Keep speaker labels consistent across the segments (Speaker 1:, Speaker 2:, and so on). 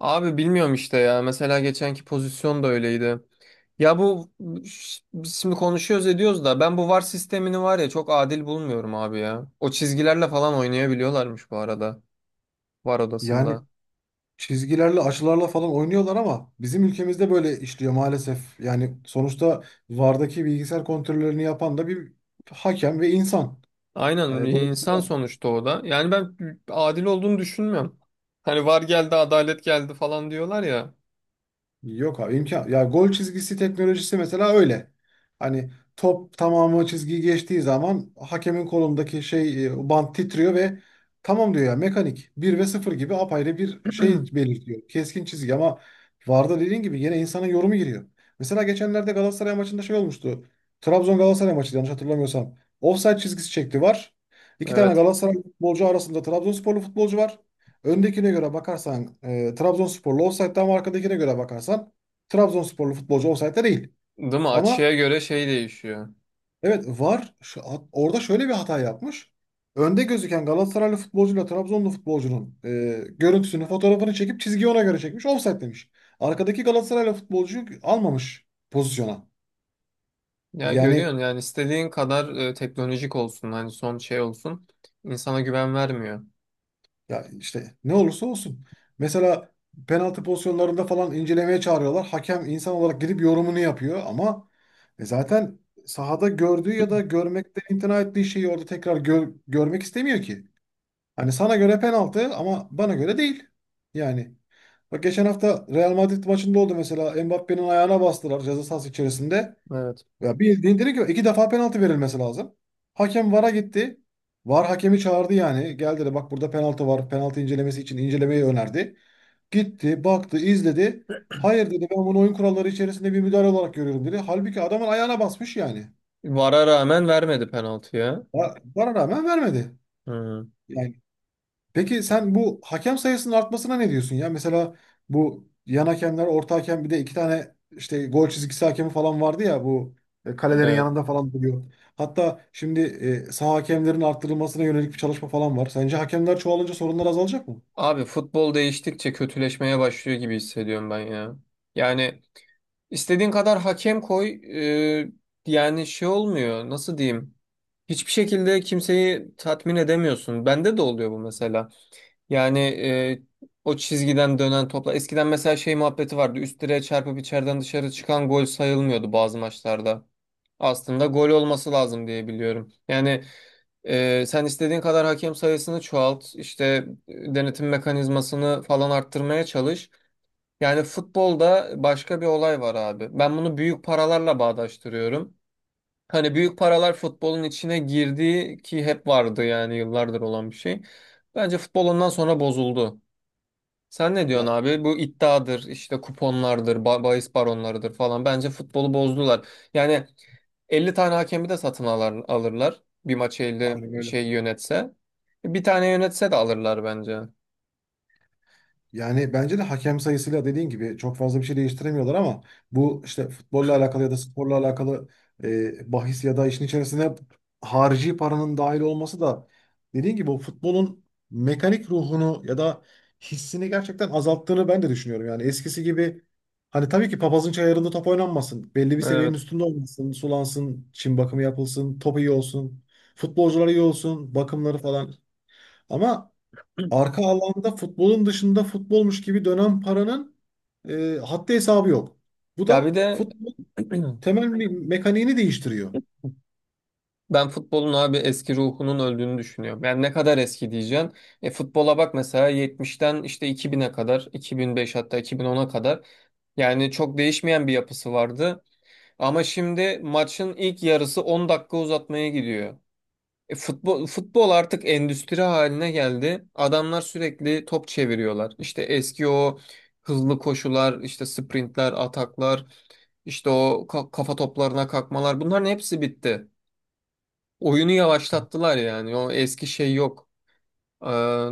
Speaker 1: Abi bilmiyorum işte ya. Mesela geçenki pozisyon da öyleydi. Ya biz şimdi konuşuyoruz ediyoruz da ben bu VAR sistemini var ya çok adil bulmuyorum abi ya. O çizgilerle falan oynayabiliyorlarmış bu arada VAR
Speaker 2: Yani
Speaker 1: odasında.
Speaker 2: çizgilerle, açılarla falan oynuyorlar ama bizim ülkemizde böyle işliyor maalesef. Yani sonuçta VAR'daki bilgisayar kontrollerini yapan da bir hakem ve insan.
Speaker 1: Aynen, insan
Speaker 2: Dolayısıyla
Speaker 1: sonuçta o da. Yani ben adil olduğunu düşünmüyorum. Hani VAR geldi, adalet geldi falan diyorlar ya.
Speaker 2: yok abi imkan. Ya gol çizgisi teknolojisi mesela öyle. Hani top tamamı çizgiyi geçtiği zaman hakemin kolundaki şey bant titriyor ve tamam diyor ya mekanik bir ve sıfır gibi apayrı bir şey belirtiyor. Keskin çizgi ama VAR'da dediğin gibi yine insanın yorumu giriyor. Mesela geçenlerde Galatasaray maçında şey olmuştu. Trabzon Galatasaray maçı yanlış hatırlamıyorsam. Offside çizgisi çekti var. İki tane
Speaker 1: Evet.
Speaker 2: Galatasaray futbolcu arasında Trabzonsporlu futbolcu var. Öndekine göre bakarsan Trabzonsporlu ofsaytta ama arkadakine göre bakarsan Trabzonsporlu futbolcu ofsaytta değil.
Speaker 1: Değil mi?
Speaker 2: Ama
Speaker 1: Açıya göre şey değişiyor.
Speaker 2: evet VAR orada şöyle bir hata yapmış. Önde gözüken Galatasaraylı futbolcuyla Trabzonlu futbolcunun görüntüsünü, fotoğrafını çekip çizgiyi ona göre çekmiş, ofsayt demiş. Arkadaki Galatasaraylı futbolcuyu almamış pozisyona.
Speaker 1: Ya
Speaker 2: Yani
Speaker 1: görüyorsun, yani istediğin kadar teknolojik olsun, hani son şey olsun, insana güven vermiyor.
Speaker 2: ya işte ne olursa olsun. Mesela penaltı pozisyonlarında falan incelemeye çağırıyorlar. Hakem insan olarak gidip yorumunu yapıyor ama zaten sahada gördüğü ya da görmekten imtina ettiği şeyi orada tekrar görmek istemiyor ki. Hani sana göre penaltı ama bana göre değil. Yani bak geçen hafta Real Madrid maçında oldu mesela Mbappé'nin ayağına bastılar ceza sahası içerisinde.
Speaker 1: Evet.
Speaker 2: Ya bildiğin direkt yok. İki defa penaltı verilmesi lazım. Hakem VAR'a gitti. VAR hakemi çağırdı yani. Gel dedi bak burada penaltı var. Penaltı incelemesi için incelemeyi önerdi. Gitti, baktı, izledi. Hayır dedi ben bunu oyun kuralları içerisinde bir müdahale olarak görüyorum dedi. Halbuki adamın ayağına basmış yani.
Speaker 1: VAR'a rağmen vermedi penaltıya.
Speaker 2: VAR'a rağmen vermedi.
Speaker 1: Hı,
Speaker 2: Yani peki sen bu hakem sayısının artmasına ne diyorsun ya? Mesela bu yan hakemler, orta hakem bir de iki tane işte gol çizgisi hakemi falan vardı ya bu kalelerin
Speaker 1: evet.
Speaker 2: yanında falan duruyor. Hatta şimdi saha hakemlerin arttırılmasına yönelik bir çalışma falan var. Sence hakemler çoğalınca sorunlar azalacak mı?
Speaker 1: Abi futbol değiştikçe kötüleşmeye başlıyor gibi hissediyorum ben ya. Yani istediğin kadar hakem koy, e, yani şey olmuyor. Nasıl diyeyim? Hiçbir şekilde kimseyi tatmin edemiyorsun. Bende de oluyor bu mesela. Yani o çizgiden dönen topla. Eskiden mesela şey muhabbeti vardı. Üst direğe çarpıp içeriden dışarı çıkan gol sayılmıyordu bazı maçlarda. Aslında gol olması lazım diye biliyorum. Yani sen istediğin kadar hakem sayısını çoğalt, işte denetim mekanizmasını falan arttırmaya çalış. Yani futbolda başka bir olay var abi. Ben bunu büyük paralarla bağdaştırıyorum. Hani büyük paralar futbolun içine girdiği ki hep vardı, yani yıllardır olan bir şey. Bence futbol ondan sonra bozuldu. Sen ne diyorsun
Speaker 2: Ya
Speaker 1: abi? Bu iddiadır, işte kuponlardır, bahis baronlarıdır falan. Bence futbolu bozdular. Yani 50 tane hakemi de satın alar, alırlar. Bir maçı 50
Speaker 2: aynen öyle.
Speaker 1: şey yönetse. Bir tane yönetse de alırlar bence.
Speaker 2: Yani bence de hakem sayısıyla dediğin gibi çok fazla bir şey değiştiremiyorlar ama bu işte futbolla alakalı ya da sporla alakalı bahis ya da işin içerisine harici paranın dahil olması da dediğin gibi o futbolun mekanik ruhunu ya da hissini gerçekten azalttığını ben de düşünüyorum. Yani eskisi gibi hani tabii ki papazın çayırında top oynanmasın. Belli bir seviyenin
Speaker 1: Evet.
Speaker 2: üstünde olmasın, sulansın, çim bakımı yapılsın, top iyi olsun, futbolcular iyi olsun, bakımları falan. Ama arka alanda futbolun dışında futbolmuş gibi dönen paranın haddi hesabı yok. Bu
Speaker 1: Ya bir
Speaker 2: da
Speaker 1: de
Speaker 2: futbol temel mekaniğini değiştiriyor.
Speaker 1: ben futbolun abi eski ruhunun öldüğünü düşünüyorum. Yani ne kadar eski diyeceksin. E, futbola bak mesela 70'ten işte 2000'e kadar, 2005, hatta 2010'a kadar. Yani çok değişmeyen bir yapısı vardı. Ama şimdi maçın ilk yarısı 10 dakika uzatmaya gidiyor. E, futbol artık endüstri haline geldi. Adamlar sürekli top çeviriyorlar. İşte eski o hızlı koşular, işte sprintler, ataklar, işte o kafa toplarına kalkmalar, bunların hepsi bitti. Oyunu yavaşlattılar yani. O eski şey yok. Ee,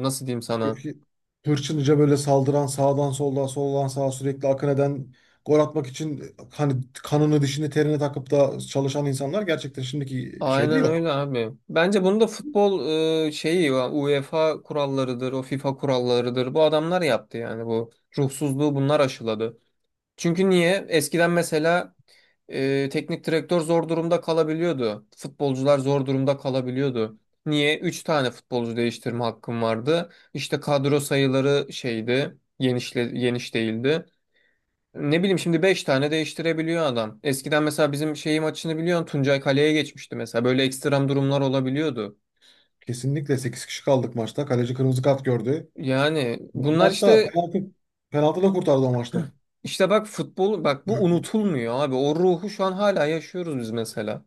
Speaker 1: Nasıl diyeyim sana?
Speaker 2: Eski hırçınca böyle saldıran sağdan soldan soldan sağa sürekli akın eden gol atmak için hani kanını dişini terine takıp da çalışan insanlar gerçekten şimdiki şeyde
Speaker 1: Aynen
Speaker 2: yok.
Speaker 1: öyle abi. Bence bunu da futbol şeyi UEFA kurallarıdır, o FIFA kurallarıdır. Bu adamlar yaptı yani bu ruhsuzluğu bunlar aşıladı. Çünkü niye? Eskiden mesela teknik direktör zor durumda kalabiliyordu. Futbolcular zor durumda kalabiliyordu. Niye? 3 tane futbolcu değiştirme hakkım vardı. İşte kadro sayıları şeydi, genişle, geniş değildi. Ne bileyim, şimdi 5 tane değiştirebiliyor adam. Eskiden mesela bizim şeyi maçını biliyorsun, Tuncay Kale'ye geçmişti mesela. Böyle ekstrem durumlar olabiliyordu.
Speaker 2: Kesinlikle sekiz kişi kaldık maçta. Kaleci kırmızı kart gördü.
Speaker 1: Yani bunlar
Speaker 2: Hatta
Speaker 1: işte
Speaker 2: penaltı da kurtardı o maçta.
Speaker 1: bak, futbol bak, bu unutulmuyor abi. O ruhu şu an hala yaşıyoruz biz mesela.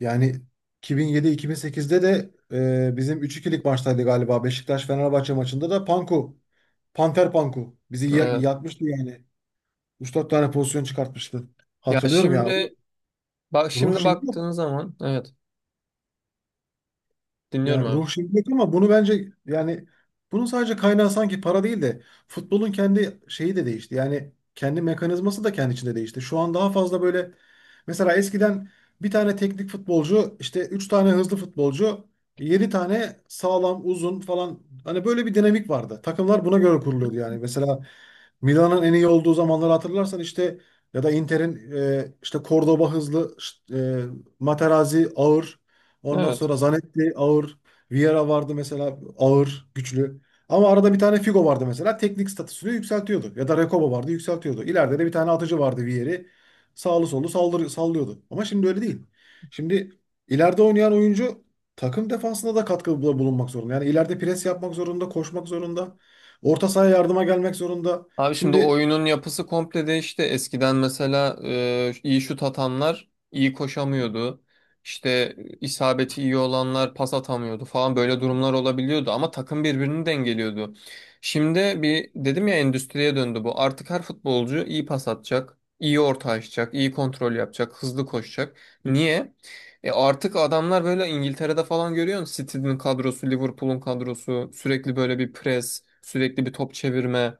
Speaker 2: Yani 2007-2008'de de bizim 3-2'lik maçtaydı galiba. Beşiktaş-Fenerbahçe maçında da Panku, Panter Panku bizi
Speaker 1: Evet.
Speaker 2: yakmıştı yani. Üç dört tane pozisyon çıkartmıştı.
Speaker 1: Ya
Speaker 2: Hatırlıyorum ya. O
Speaker 1: şimdi Bak,
Speaker 2: ruh
Speaker 1: şimdi
Speaker 2: şimdi yok.
Speaker 1: baktığın zaman, evet,
Speaker 2: Ya
Speaker 1: dinliyorum abi.
Speaker 2: ruh şirket ama bunu bence yani bunun sadece kaynağı sanki para değil de futbolun kendi şeyi de değişti. Yani kendi mekanizması da kendi içinde değişti. Şu an daha fazla böyle mesela eskiden bir tane teknik futbolcu işte 3 tane hızlı futbolcu 7 tane sağlam uzun falan hani böyle bir dinamik vardı. Takımlar buna göre kuruluyordu yani. Mesela Milan'ın en iyi olduğu zamanları hatırlarsan işte ya da Inter'in işte Cordoba hızlı, Materazzi ağır, ondan
Speaker 1: Evet.
Speaker 2: sonra Zanetti ağır. Vieira vardı mesela ağır, güçlü. Ama arada bir tane Figo vardı mesela teknik statüsünü yükseltiyordu. Ya da Recoba vardı yükseltiyordu. İleride de bir tane atıcı vardı Vieri. Sağlı sollu sallıyordu. Ama şimdi öyle değil. Şimdi ileride oynayan oyuncu takım defansında da katkıda bulunmak zorunda. Yani ileride pres yapmak zorunda, koşmak zorunda. Orta sahaya yardıma gelmek zorunda.
Speaker 1: Abi şimdi
Speaker 2: Şimdi
Speaker 1: oyunun yapısı komple değişti. Eskiden mesela iyi şut atanlar iyi koşamıyordu. İşte isabeti iyi olanlar pas atamıyordu falan, böyle durumlar olabiliyordu, ama takım birbirini dengeliyordu. Şimdi bir dedim ya, endüstriye döndü bu. Artık her futbolcu iyi pas atacak, iyi orta açacak, iyi kontrol yapacak, hızlı koşacak. Niye? E artık adamlar böyle, İngiltere'de falan görüyorsun. City'nin kadrosu, Liverpool'un kadrosu sürekli böyle bir pres, sürekli bir top çevirme.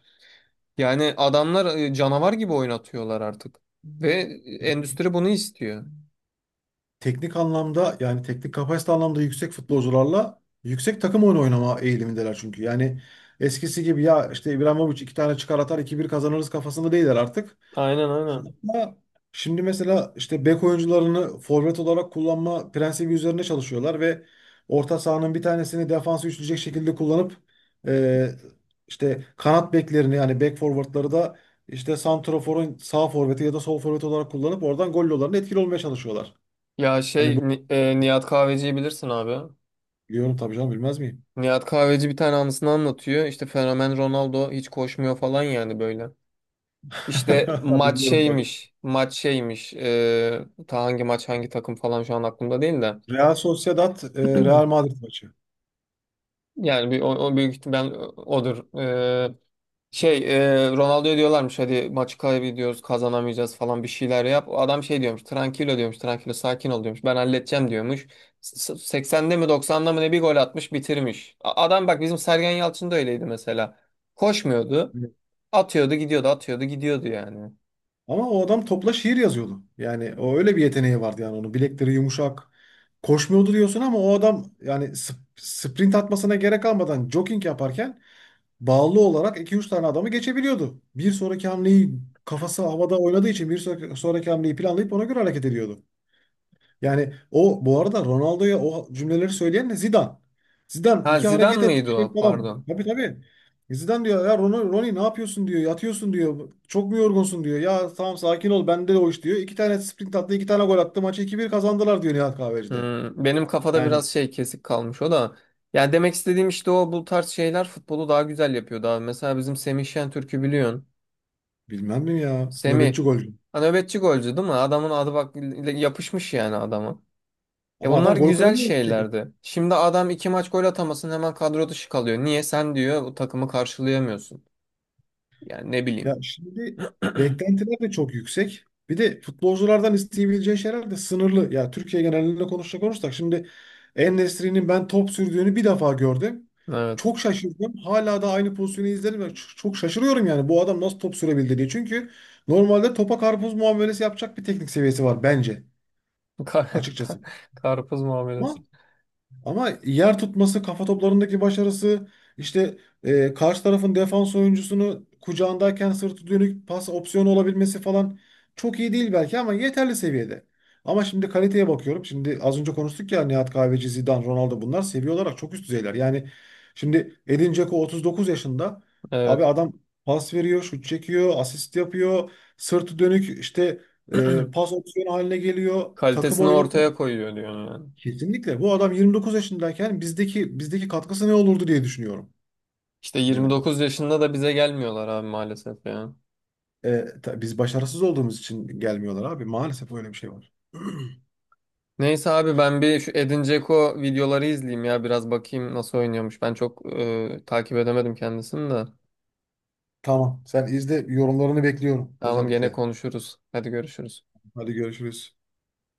Speaker 1: Yani adamlar canavar gibi oynatıyorlar artık. Ve endüstri bunu istiyor.
Speaker 2: teknik anlamda yani teknik kapasite anlamda yüksek futbolcularla yüksek takım oyunu oynama eğilimindeler çünkü. Yani eskisi gibi ya işte İbrahimovic iki tane çıkar atar 2-1 kazanırız kafasında değiller artık.
Speaker 1: Aynen, aynen.
Speaker 2: Hatta şimdi mesela işte bek oyuncularını forvet olarak kullanma prensibi üzerine çalışıyorlar ve orta sahanın bir tanesini defansı üçleyecek şekilde kullanıp e, işte kanat beklerini yani bek forvetleri da işte santraforun sağ forveti ya da sol forveti olarak kullanıp oradan gol yollarına etkili olmaya çalışıyorlar.
Speaker 1: Ya
Speaker 2: Hani
Speaker 1: Nihat Kahveci'yi bilirsin abi.
Speaker 2: biliyorum tabii canım, bilmez miyim?
Speaker 1: Nihat Kahveci bir tane anısını anlatıyor. İşte fenomen Ronaldo hiç koşmuyor falan, yani böyle. İşte maç
Speaker 2: Biliyorum tabii.
Speaker 1: şeymiş. E, ta hangi maç hangi takım falan şu an aklımda değil de.
Speaker 2: Real Sociedad, Real Madrid maçı.
Speaker 1: Yani o büyük ihtimal odur. Şey Ronaldo'ya diyorlarmış hadi maçı kaybediyoruz, kazanamayacağız falan, bir şeyler yap. O adam şey diyormuş, tranquilo diyormuş, tranquilo, sakin ol diyormuş, ben halledeceğim diyormuş. 80'de mi 90'da mı ne bir gol atmış, bitirmiş. Adam bak, bizim Sergen Yalçın da öyleydi mesela. Koşmuyordu,
Speaker 2: Evet.
Speaker 1: atıyordu gidiyordu, atıyordu gidiyordu yani.
Speaker 2: Ama o adam topla şiir yazıyordu. Yani o öyle bir yeteneği vardı yani onun. Bilekleri yumuşak. Koşmuyordu diyorsun ama o adam yani sprint atmasına gerek kalmadan jogging yaparken bağlı olarak iki üç tane adamı geçebiliyordu. Bir sonraki hamleyi kafası havada oynadığı için bir sonraki, hamleyi planlayıp ona göre hareket ediyordu. Yani o bu arada Ronaldo'ya o cümleleri söyleyen de Zidane. Zidane
Speaker 1: Ha,
Speaker 2: iki hareket
Speaker 1: Zidane
Speaker 2: et bir
Speaker 1: mıydı
Speaker 2: şey
Speaker 1: o?
Speaker 2: falan.
Speaker 1: Pardon.
Speaker 2: Tabii tabii. Zidane diyor ya Ronnie, Ronnie ne yapıyorsun diyor. Yatıyorsun diyor. Çok mu yorgunsun diyor. Ya tamam sakin ol bende de o iş diyor. İki tane sprint attı iki tane gol attı. Maçı 2-1 kazandılar diyor Nihat Kahveci'de.
Speaker 1: Benim kafada
Speaker 2: Yani
Speaker 1: biraz şey kesik kalmış o da. Yani demek istediğim, işte o bu tarz şeyler futbolu daha güzel yapıyor, daha... Mesela bizim Semih Şentürk'ü biliyorsun.
Speaker 2: bilmem mi ya.
Speaker 1: Semih.
Speaker 2: Nöbetçi golcü.
Speaker 1: Ha, nöbetçi golcü değil mi? Adamın adı bak yapışmış yani adama. E
Speaker 2: Ama adam
Speaker 1: bunlar
Speaker 2: gol
Speaker 1: güzel
Speaker 2: kralı oldu.
Speaker 1: şeylerdi. Şimdi adam iki maç gol atamasın, hemen kadro dışı kalıyor. Niye? Sen, diyor, bu takımı karşılayamıyorsun. Yani ne
Speaker 2: Ya
Speaker 1: bileyim.
Speaker 2: şimdi beklentiler de çok yüksek. Bir de futbolculardan isteyebileceği şeyler de sınırlı. Ya Türkiye genelinde konuşacak olursak şimdi En-Nesyri'nin ben top sürdüğünü bir defa gördüm.
Speaker 1: Evet.
Speaker 2: Çok şaşırdım. Hala da aynı pozisyonu izlerim ve çok şaşırıyorum yani bu adam nasıl top sürebildi diye. Çünkü normalde topa karpuz muamelesi yapacak bir teknik seviyesi var bence
Speaker 1: Kar,
Speaker 2: açıkçası.
Speaker 1: kar- Karpuz muamelesi.
Speaker 2: Ama ama yer tutması, kafa toplarındaki başarısı, işte karşı tarafın defans oyuncusunu kucağındayken sırtı dönük pas opsiyonu olabilmesi falan çok iyi değil belki ama yeterli seviyede. Ama şimdi kaliteye bakıyorum. Şimdi az önce konuştuk ya Nihat Kahveci, Zidane, Ronaldo bunlar seviye olarak çok üst düzeyler. Yani şimdi Edin Dzeko 39 yaşında. Abi
Speaker 1: Evet.
Speaker 2: adam pas veriyor, şut çekiyor, asist yapıyor. Sırtı dönük işte pas opsiyonu haline geliyor. Takım
Speaker 1: Kalitesini
Speaker 2: oyunu.
Speaker 1: ortaya koyuyor diyorsun yani.
Speaker 2: Kesinlikle. Bu adam 29 yaşındayken bizdeki katkısı ne olurdu diye düşünüyorum.
Speaker 1: İşte
Speaker 2: Yani
Speaker 1: 29 yaşında da bize gelmiyorlar abi maalesef ya.
Speaker 2: biz başarısız olduğumuz için gelmiyorlar abi. Maalesef öyle bir şey var.
Speaker 1: Neyse abi, ben bir şu Edin Dzeko videoları izleyeyim ya, biraz bakayım nasıl oynuyormuş. Ben çok takip edemedim kendisini de.
Speaker 2: Tamam. Sen izle yorumlarını bekliyorum
Speaker 1: Tamam, gene
Speaker 2: özellikle.
Speaker 1: konuşuruz. Hadi görüşürüz.
Speaker 2: Hadi görüşürüz.